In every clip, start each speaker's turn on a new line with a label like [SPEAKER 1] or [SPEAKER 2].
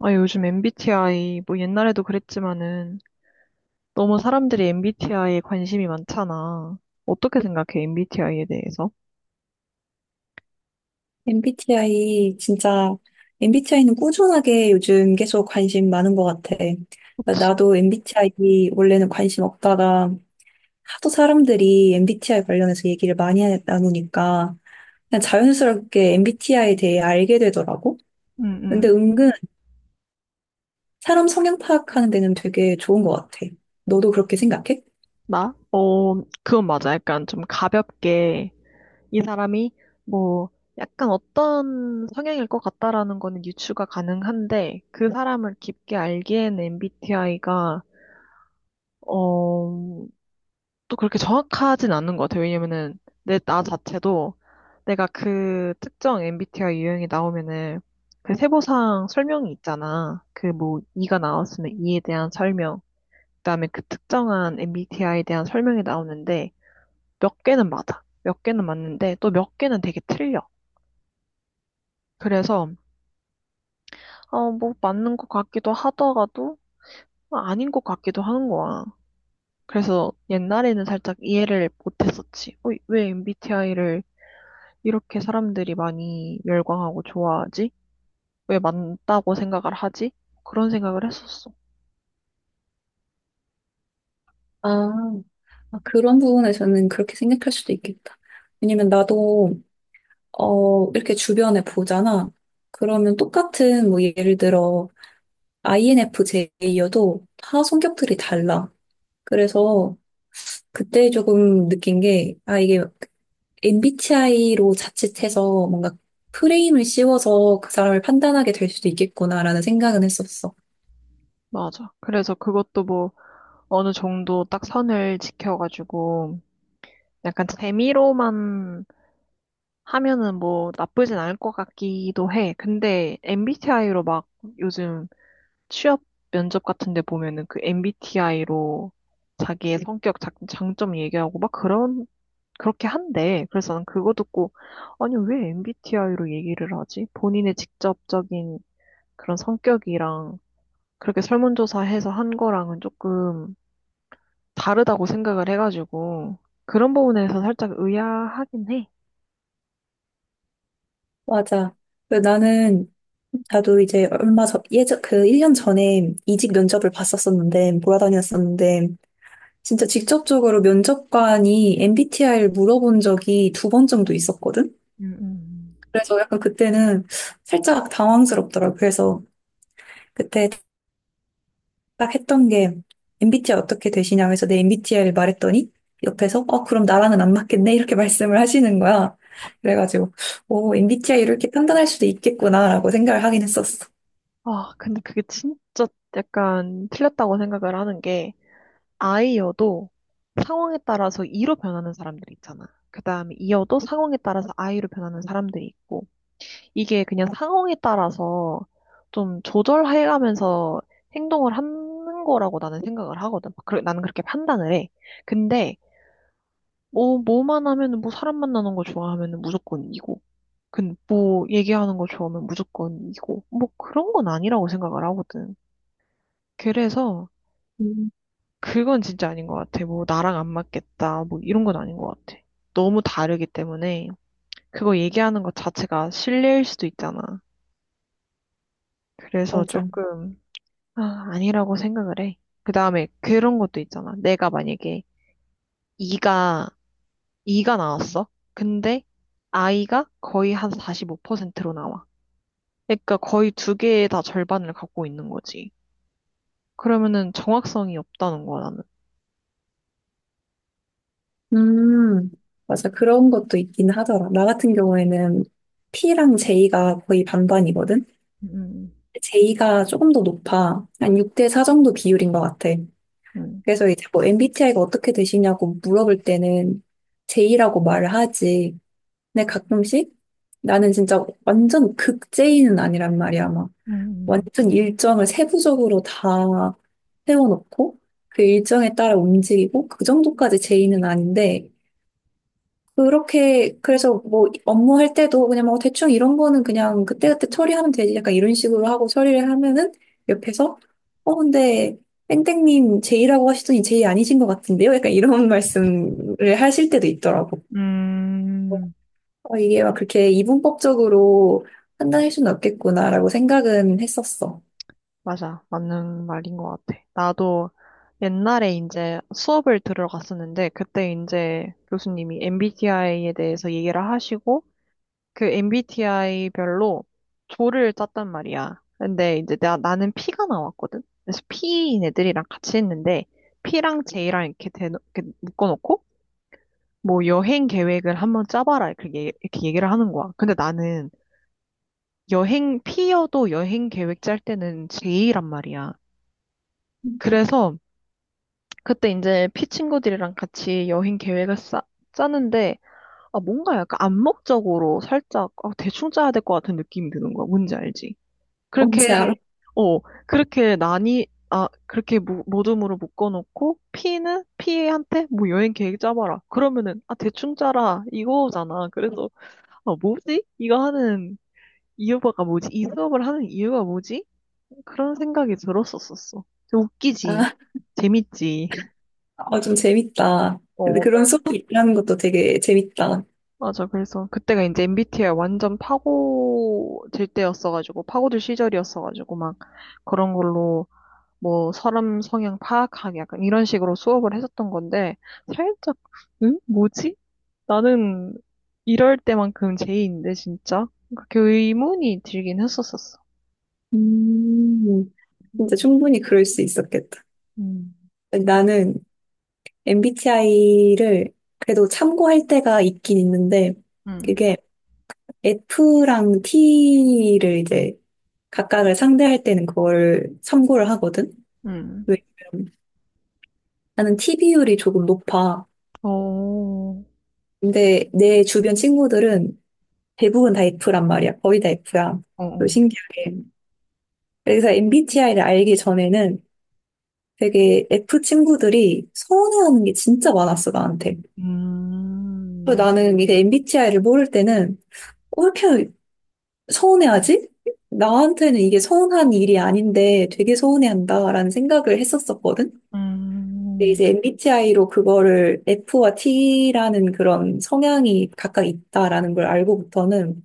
[SPEAKER 1] 아, 요즘 MBTI, 뭐 옛날에도 그랬지만은 너무 사람들이 MBTI에 관심이 많잖아. 어떻게 생각해, MBTI에 대해서?
[SPEAKER 2] MBTI 진짜 MBTI는 꾸준하게 요즘 계속 관심 많은 것 같아. 그러니까 나도 MBTI 원래는 관심 없다가 하도 사람들이 MBTI 관련해서 얘기를 많이 나누니까 그냥 자연스럽게 MBTI에 대해 알게 되더라고.
[SPEAKER 1] 응,
[SPEAKER 2] 근데
[SPEAKER 1] 응.
[SPEAKER 2] 은근 사람 성향 파악하는 데는 되게 좋은 것 같아. 너도 그렇게 생각해?
[SPEAKER 1] 나? 그건 맞아. 약간 좀 가볍게 이 사람이 뭐 약간 어떤 성향일 것 같다라는 거는 유추가 가능한데 그 사람을 깊게 알기에는 MBTI가 또 그렇게 정확하진 않는 것 같아요. 왜냐면은 내 나 자체도 내가 그 특정 MBTI 유형이 나오면은 그 세부상 설명이 있잖아. 그 뭐 E가 나왔으면 E에 대한 설명, 그다음에 그 특정한 MBTI에 대한 설명이 나오는데 몇 개는 맞아. 몇 개는 맞는데 또 몇 개는 되게 틀려. 그래서 뭐 맞는 것 같기도 하다가도 아닌 것 같기도 하는 거야. 그래서 옛날에는 살짝 이해를 못했었지. 왜 MBTI를 이렇게 사람들이 많이 열광하고 좋아하지? 왜 많다고 생각을 하지? 그런 생각을 했었어.
[SPEAKER 2] 아, 아, 그런 부분에서는 그렇게 생각할 수도 있겠다. 왜냐면 나도 이렇게 주변에 보잖아. 그러면 똑같은, 뭐, 예를 들어, INFJ여도 다 성격들이 달라. 그래서 그때 조금 느낀 게, 아, 이게 MBTI로 자칫해서 뭔가 프레임을 씌워서 그 사람을 판단하게 될 수도 있겠구나라는 생각은 했었어.
[SPEAKER 1] 맞아. 그래서 그것도 뭐 어느 정도 딱 선을 지켜가지고 약간 재미로만 하면은 뭐 나쁘진 않을 것 같기도 해. 근데 MBTI로 막 요즘 취업 면접 같은 데 보면은 그 MBTI로 자기의 성격 장점 얘기하고 막 그런 그렇게 한대. 그래서 난 그거 듣고, 아니, 왜 MBTI로 얘기를 하지? 본인의 직접적인 그런 성격이랑 그렇게 설문조사해서 한 거랑은 조금 다르다고 생각을 해가지고, 그런 부분에서 살짝 의아하긴 해.
[SPEAKER 2] 맞아. 그래서 나는, 나도 이제 얼마 전, 예전, 그 1년 전에 이직 면접을 봤었었는데, 몰아다녔었는데, 진짜 직접적으로 면접관이 MBTI를 물어본 적이 두 번 정도 있었거든?
[SPEAKER 1] 음, 음.
[SPEAKER 2] 그래서 약간 그때는 살짝 당황스럽더라고. 그래서 그때 딱 했던 게 MBTI 어떻게 되시냐 그래서 내 MBTI를 말했더니 옆에서 그럼 나랑은 안 맞겠네? 이렇게 말씀을 하시는 거야. 그래가지고, 오, MBTI 이렇게 판단할 수도 있겠구나라고 생각을 하긴 했었어.
[SPEAKER 1] 아, 근데 그게 진짜 약간 틀렸다고 생각을 하는 게, 아이여도 상황에 따라서 이로 변하는 사람들이 있잖아. 그 다음에 이여도 상황에 따라서 아이로 변하는 사람들이 있고, 이게 그냥 상황에 따라서 좀 조절해가면서 행동을 하는 거라고 나는 생각을 하거든. 그 나는 그렇게 판단을 해. 근데 뭐만 하면은 뭐 사람 만나는 거 좋아하면은 무조건 이고, 근뭐 얘기하는 거 좋아하면 무조건 이고, 뭐 그런 건 아니라고 생각을 하거든. 그래서
[SPEAKER 2] 음,
[SPEAKER 1] 그건 진짜 아닌 것 같아. 뭐 나랑 안 맞겠다, 뭐 이런 건 아닌 것 같아. 너무 다르기 때문에 그거 얘기하는 것 자체가 신뢰일 수도 있잖아. 그래서
[SPEAKER 2] 맞아.
[SPEAKER 1] 조금 아니라고 생각을 해. 그 다음에 그런 것도 있잖아. 내가 만약에 이가, 이가 나왔어. 근데 아이가 거의 한 45%로 나와. 그러니까 거의 두 개의 다 절반을 갖고 있는 거지. 그러면은 정확성이 없다는 거야, 나는.
[SPEAKER 2] 음, 맞아. 그런 것도 있긴 하더라. 나 같은 경우에는 P랑 J가 거의 반반이거든?
[SPEAKER 1] 음,
[SPEAKER 2] J가 조금 더 높아. 한 6대 4 정도 비율인 것 같아.
[SPEAKER 1] 음,
[SPEAKER 2] 그래서 이제 뭐 MBTI가 어떻게 되시냐고 물어볼 때는 J라고 말을 하지. 근데 가끔씩 나는 진짜 완전 극 J는 아니란 말이야. 막
[SPEAKER 1] 음, 음,
[SPEAKER 2] 완전 일정을 세부적으로 다 세워놓고 그 일정에 따라 움직이고 그 정도까지 J는 아닌데 그렇게, 그래서 뭐 업무할 때도 그냥 뭐 대충 이런 거는 그냥 그때그때 처리하면 되지. 약간 이런 식으로 하고 처리를 하면은 옆에서, 근데 땡땡님 제이라고 하시더니 제이 아니신 것 같은데요? 약간 이런 말씀을 하실 때도 있더라고.
[SPEAKER 1] 음, 음. 음,
[SPEAKER 2] 이게 막 그렇게 이분법적으로 판단할 수는 없겠구나라고 생각은 했었어.
[SPEAKER 1] 맞아. 맞는 말인 것 같아. 나도 옛날에 이제 수업을 들으러 갔었는데, 그때 이제 교수님이 MBTI에 대해서 얘기를 하시고, 그 MBTI별로 조를 짰단 말이야. 근데 이제 나는 P가 나왔거든? 그래서 P인 애들이랑 같이 했는데, P랑 J랑 이렇게, 이렇게 묶어놓고, 뭐 여행 계획을 한번 짜봐라. 이렇게, 이렇게 얘기를 하는 거야. 근데 나는 P여도 여행 계획 짤 때는 J란 말이야. 그래서 그때 이제 P 친구들이랑 같이 여행 계획을 짜는데, 아, 뭔가 약간 암묵적으로 살짝, 대충 짜야 될 것 같은 느낌이 드는 거야. 뭔지 알지?
[SPEAKER 2] 뭔지
[SPEAKER 1] 그렇게,
[SPEAKER 2] 알아?
[SPEAKER 1] 어, 그렇게 나니, 그렇게 모둠으로 묶어놓고, P는 P한테 뭐 여행 계획 짜봐라. 그러면은, 대충 짜라. 이거잖아. 그래서, 아, 뭐지? 이거 하는 이유가 뭐지? 이 수업을 하는 이유가 뭐지? 그런 생각이 들었었었어. 웃기지.
[SPEAKER 2] 아,
[SPEAKER 1] 재밌지.
[SPEAKER 2] 좀 재밌다.
[SPEAKER 1] 어,
[SPEAKER 2] 근데 그런
[SPEAKER 1] 뭔가.
[SPEAKER 2] 수업이 있다는 것도 되게 재밌다.
[SPEAKER 1] 맞아. 그래서 그때가 이제 MBTI 완전 파고들 때였어가지고, 파고들 시절이었어가지고, 막 그런 걸로 뭐 사람 성향 파악하기 약간 이런 식으로 수업을 했었던 건데 살짝 응? 뭐지? 나는 이럴 때만큼 J인데 진짜? 그렇게 의문이 들긴 했었었어.
[SPEAKER 2] 음, 진짜 충분히 그럴 수 있었겠다.
[SPEAKER 1] 음.
[SPEAKER 2] 나는 MBTI를 그래도 참고할 때가 있긴 있는데,
[SPEAKER 1] 응.
[SPEAKER 2] 그게 F랑 T를 이제 각각을 상대할 때는 그걸 참고를 하거든?
[SPEAKER 1] 응.
[SPEAKER 2] 왜냐면 나는 T 비율이 조금 높아.
[SPEAKER 1] 어. 어,
[SPEAKER 2] 근데 내 주변 친구들은 대부분 다 F란 말이야. 거의 다 F야. 또
[SPEAKER 1] 어.
[SPEAKER 2] 신기하게. 그래서 MBTI를 알기 전에는 되게 F 친구들이 서운해하는 게 진짜 많았어, 나한테. 그리고
[SPEAKER 1] 음.
[SPEAKER 2] 나는 이게 MBTI를 모를 때는 왜 이렇게 서운해하지? 나한테는 이게 서운한 일이 아닌데 되게 서운해한다라는 생각을 했었었거든. 근데
[SPEAKER 1] 음.
[SPEAKER 2] 이제 MBTI로 그거를 F와 T라는 그런 성향이 각각 있다라는 걸 알고부터는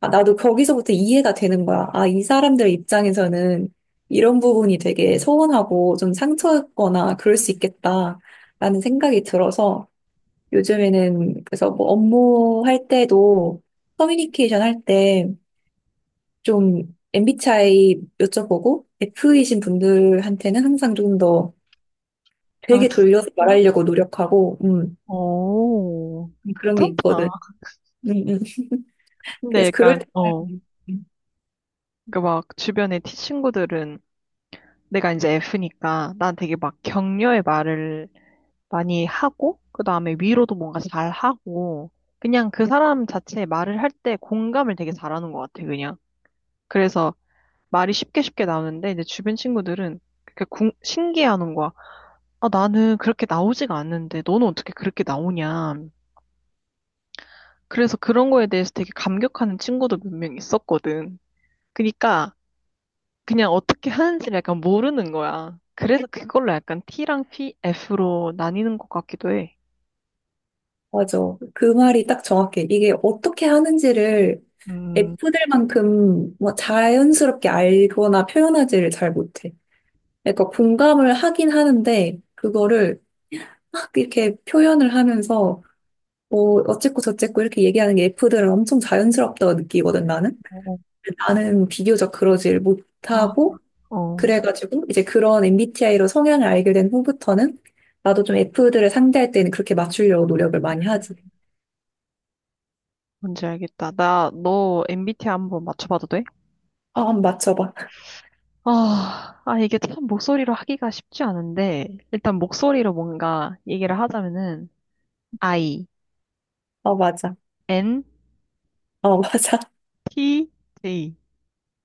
[SPEAKER 2] 아, 나도 거기서부터 이해가 되는 거야. 아, 이 사람들 입장에서는 이런 부분이 되게 서운하고 좀 상처였거나 그럴 수 있겠다라는 생각이 들어서 요즘에는 그래서 뭐 업무할 때도 커뮤니케이션 할때 좀 MBTI 여쭤보고 F이신 분들한테는 항상 좀 더
[SPEAKER 1] 아
[SPEAKER 2] 되게
[SPEAKER 1] 진짜?
[SPEAKER 2] 돌려서 말하려고 노력하고
[SPEAKER 1] 어.
[SPEAKER 2] 그런 게
[SPEAKER 1] 괜찮다.
[SPEAKER 2] 있거든. 음, 음.
[SPEAKER 1] 근데
[SPEAKER 2] 그래서 그럴
[SPEAKER 1] 약간
[SPEAKER 2] 때
[SPEAKER 1] 어.
[SPEAKER 2] 음, 음.
[SPEAKER 1] 그막 주변의 친구들은 내가 이제 F니까 난 되게 막 격려의 말을 많이 하고, 그 다음에 위로도 뭔가 잘 하고, 그냥 그 사람 자체에 말을 할 때 공감을 되게 잘하는 것 같아, 그냥. 그래서 말이 쉽게 쉽게 나오는데, 이제 주변 친구들은 그렇게 신기해하는 거야. 아, 나는 그렇게 나오지가 않는데, 너는 어떻게 그렇게 나오냐. 그래서 그런 거에 대해서 되게 감격하는 친구도 몇 명 있었거든. 그러니까 그냥 어떻게 하는지를 약간 모르는 거야. 그래서 그걸로 약간 T랑 P, F로 나뉘는 것 같기도 해.
[SPEAKER 2] 맞아. 그 말이 딱 정확해. 이게 어떻게 하는지를
[SPEAKER 1] 음,
[SPEAKER 2] F들만큼 뭐 자연스럽게 알거나 표현하지를 잘 못해. 그러니까 공감을 하긴 하는데 그거를 막 이렇게 표현을 하면서 뭐 어쨌고 저쨌고 이렇게 얘기하는 게 F들은 엄청 자연스럽다고 느끼거든 나는.
[SPEAKER 1] 어,
[SPEAKER 2] 나는 비교적 그러질
[SPEAKER 1] 아,
[SPEAKER 2] 못하고,
[SPEAKER 1] 어.
[SPEAKER 2] 그래가지고 이제 그런 MBTI로 성향을 알게 된 후부터는 나도 좀 F들을 상대할 때는 그렇게 맞추려고 노력을 많이 하지.
[SPEAKER 1] 뭔지 알겠다. 너 MBTI 한번 맞춰봐도 돼?
[SPEAKER 2] 아, 한번 맞춰봐.
[SPEAKER 1] 아, 이게 참 목소리로 하기가 쉽지 않은데, 일단 목소리로 뭔가 얘기를 하자면은, I,
[SPEAKER 2] 아, 맞아.
[SPEAKER 1] N,
[SPEAKER 2] 아, 맞아.
[SPEAKER 1] T, J,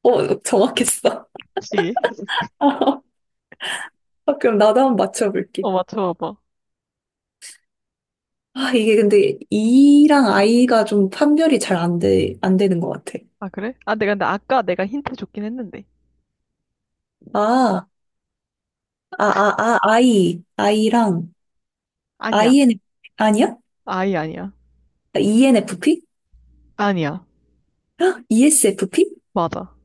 [SPEAKER 2] 정확했어.
[SPEAKER 1] G.
[SPEAKER 2] 아, 그럼 나도 한번 맞춰볼게.
[SPEAKER 1] 어, 맞춰봐봐.
[SPEAKER 2] 아, 이게 근데 E랑 I가 좀 판별이 잘 안 되는 것 같아.
[SPEAKER 1] 아, 그래? 아, 내가 근데 아까 내가 힌트 줬긴 했는데.
[SPEAKER 2] 아, 아, I. I랑,
[SPEAKER 1] 아니야.
[SPEAKER 2] IN, 아니야?
[SPEAKER 1] I 아니야.
[SPEAKER 2] ENFP?
[SPEAKER 1] 아니야.
[SPEAKER 2] 헉, ESFP?
[SPEAKER 1] 맞아.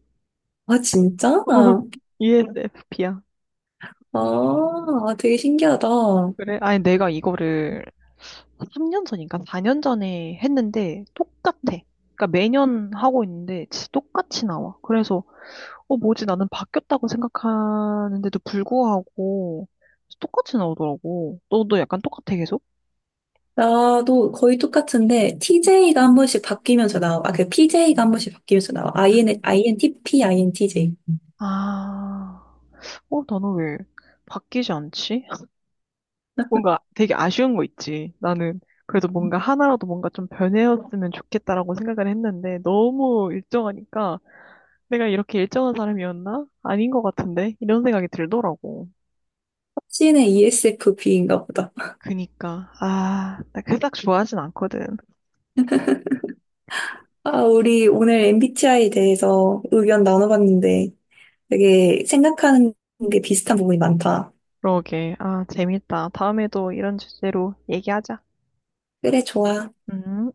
[SPEAKER 2] 아, 진짜? 아,
[SPEAKER 1] ENFP야.
[SPEAKER 2] 아, 되게 신기하다.
[SPEAKER 1] 그래? 아니, 내가 이거를 3년 전인가 4년 전에 했는데 똑같아. 그러니까 매년 하고 있는데 똑같이 나와. 그래서 뭐지, 나는 바뀌었다고 생각하는데도 불구하고 똑같이 나오더라고. 너도 약간 똑같아 계속?
[SPEAKER 2] 나도 거의 똑같은데, TJ가 한 번씩 바뀌면서 나와. 아, 그 PJ가 한 번씩 바뀌면서 나와. IN, INTP, INTJ.
[SPEAKER 1] 아, 나는 왜 바뀌지 않지? 뭔가 되게 아쉬운 거 있지. 나는 그래도 뭔가 하나라도 뭔가 좀 변해였으면 좋겠다라고 생각을 했는데 너무 일정하니까 내가 이렇게 일정한 사람이었나? 아닌 것 같은데? 이런 생각이 들더라고.
[SPEAKER 2] 확신의 ESFP인가 보다.
[SPEAKER 1] 그니까 아, 나 그닥 좋아하진 않거든.
[SPEAKER 2] 아, 우리 오늘 MBTI에 대해서 의견 나눠봤는데, 되게 생각하는 게 비슷한 부분이 많다.
[SPEAKER 1] 그러게. 아, 재밌다. 다음에도 이런 주제로 얘기하자.
[SPEAKER 2] 그래, 좋아.
[SPEAKER 1] 음.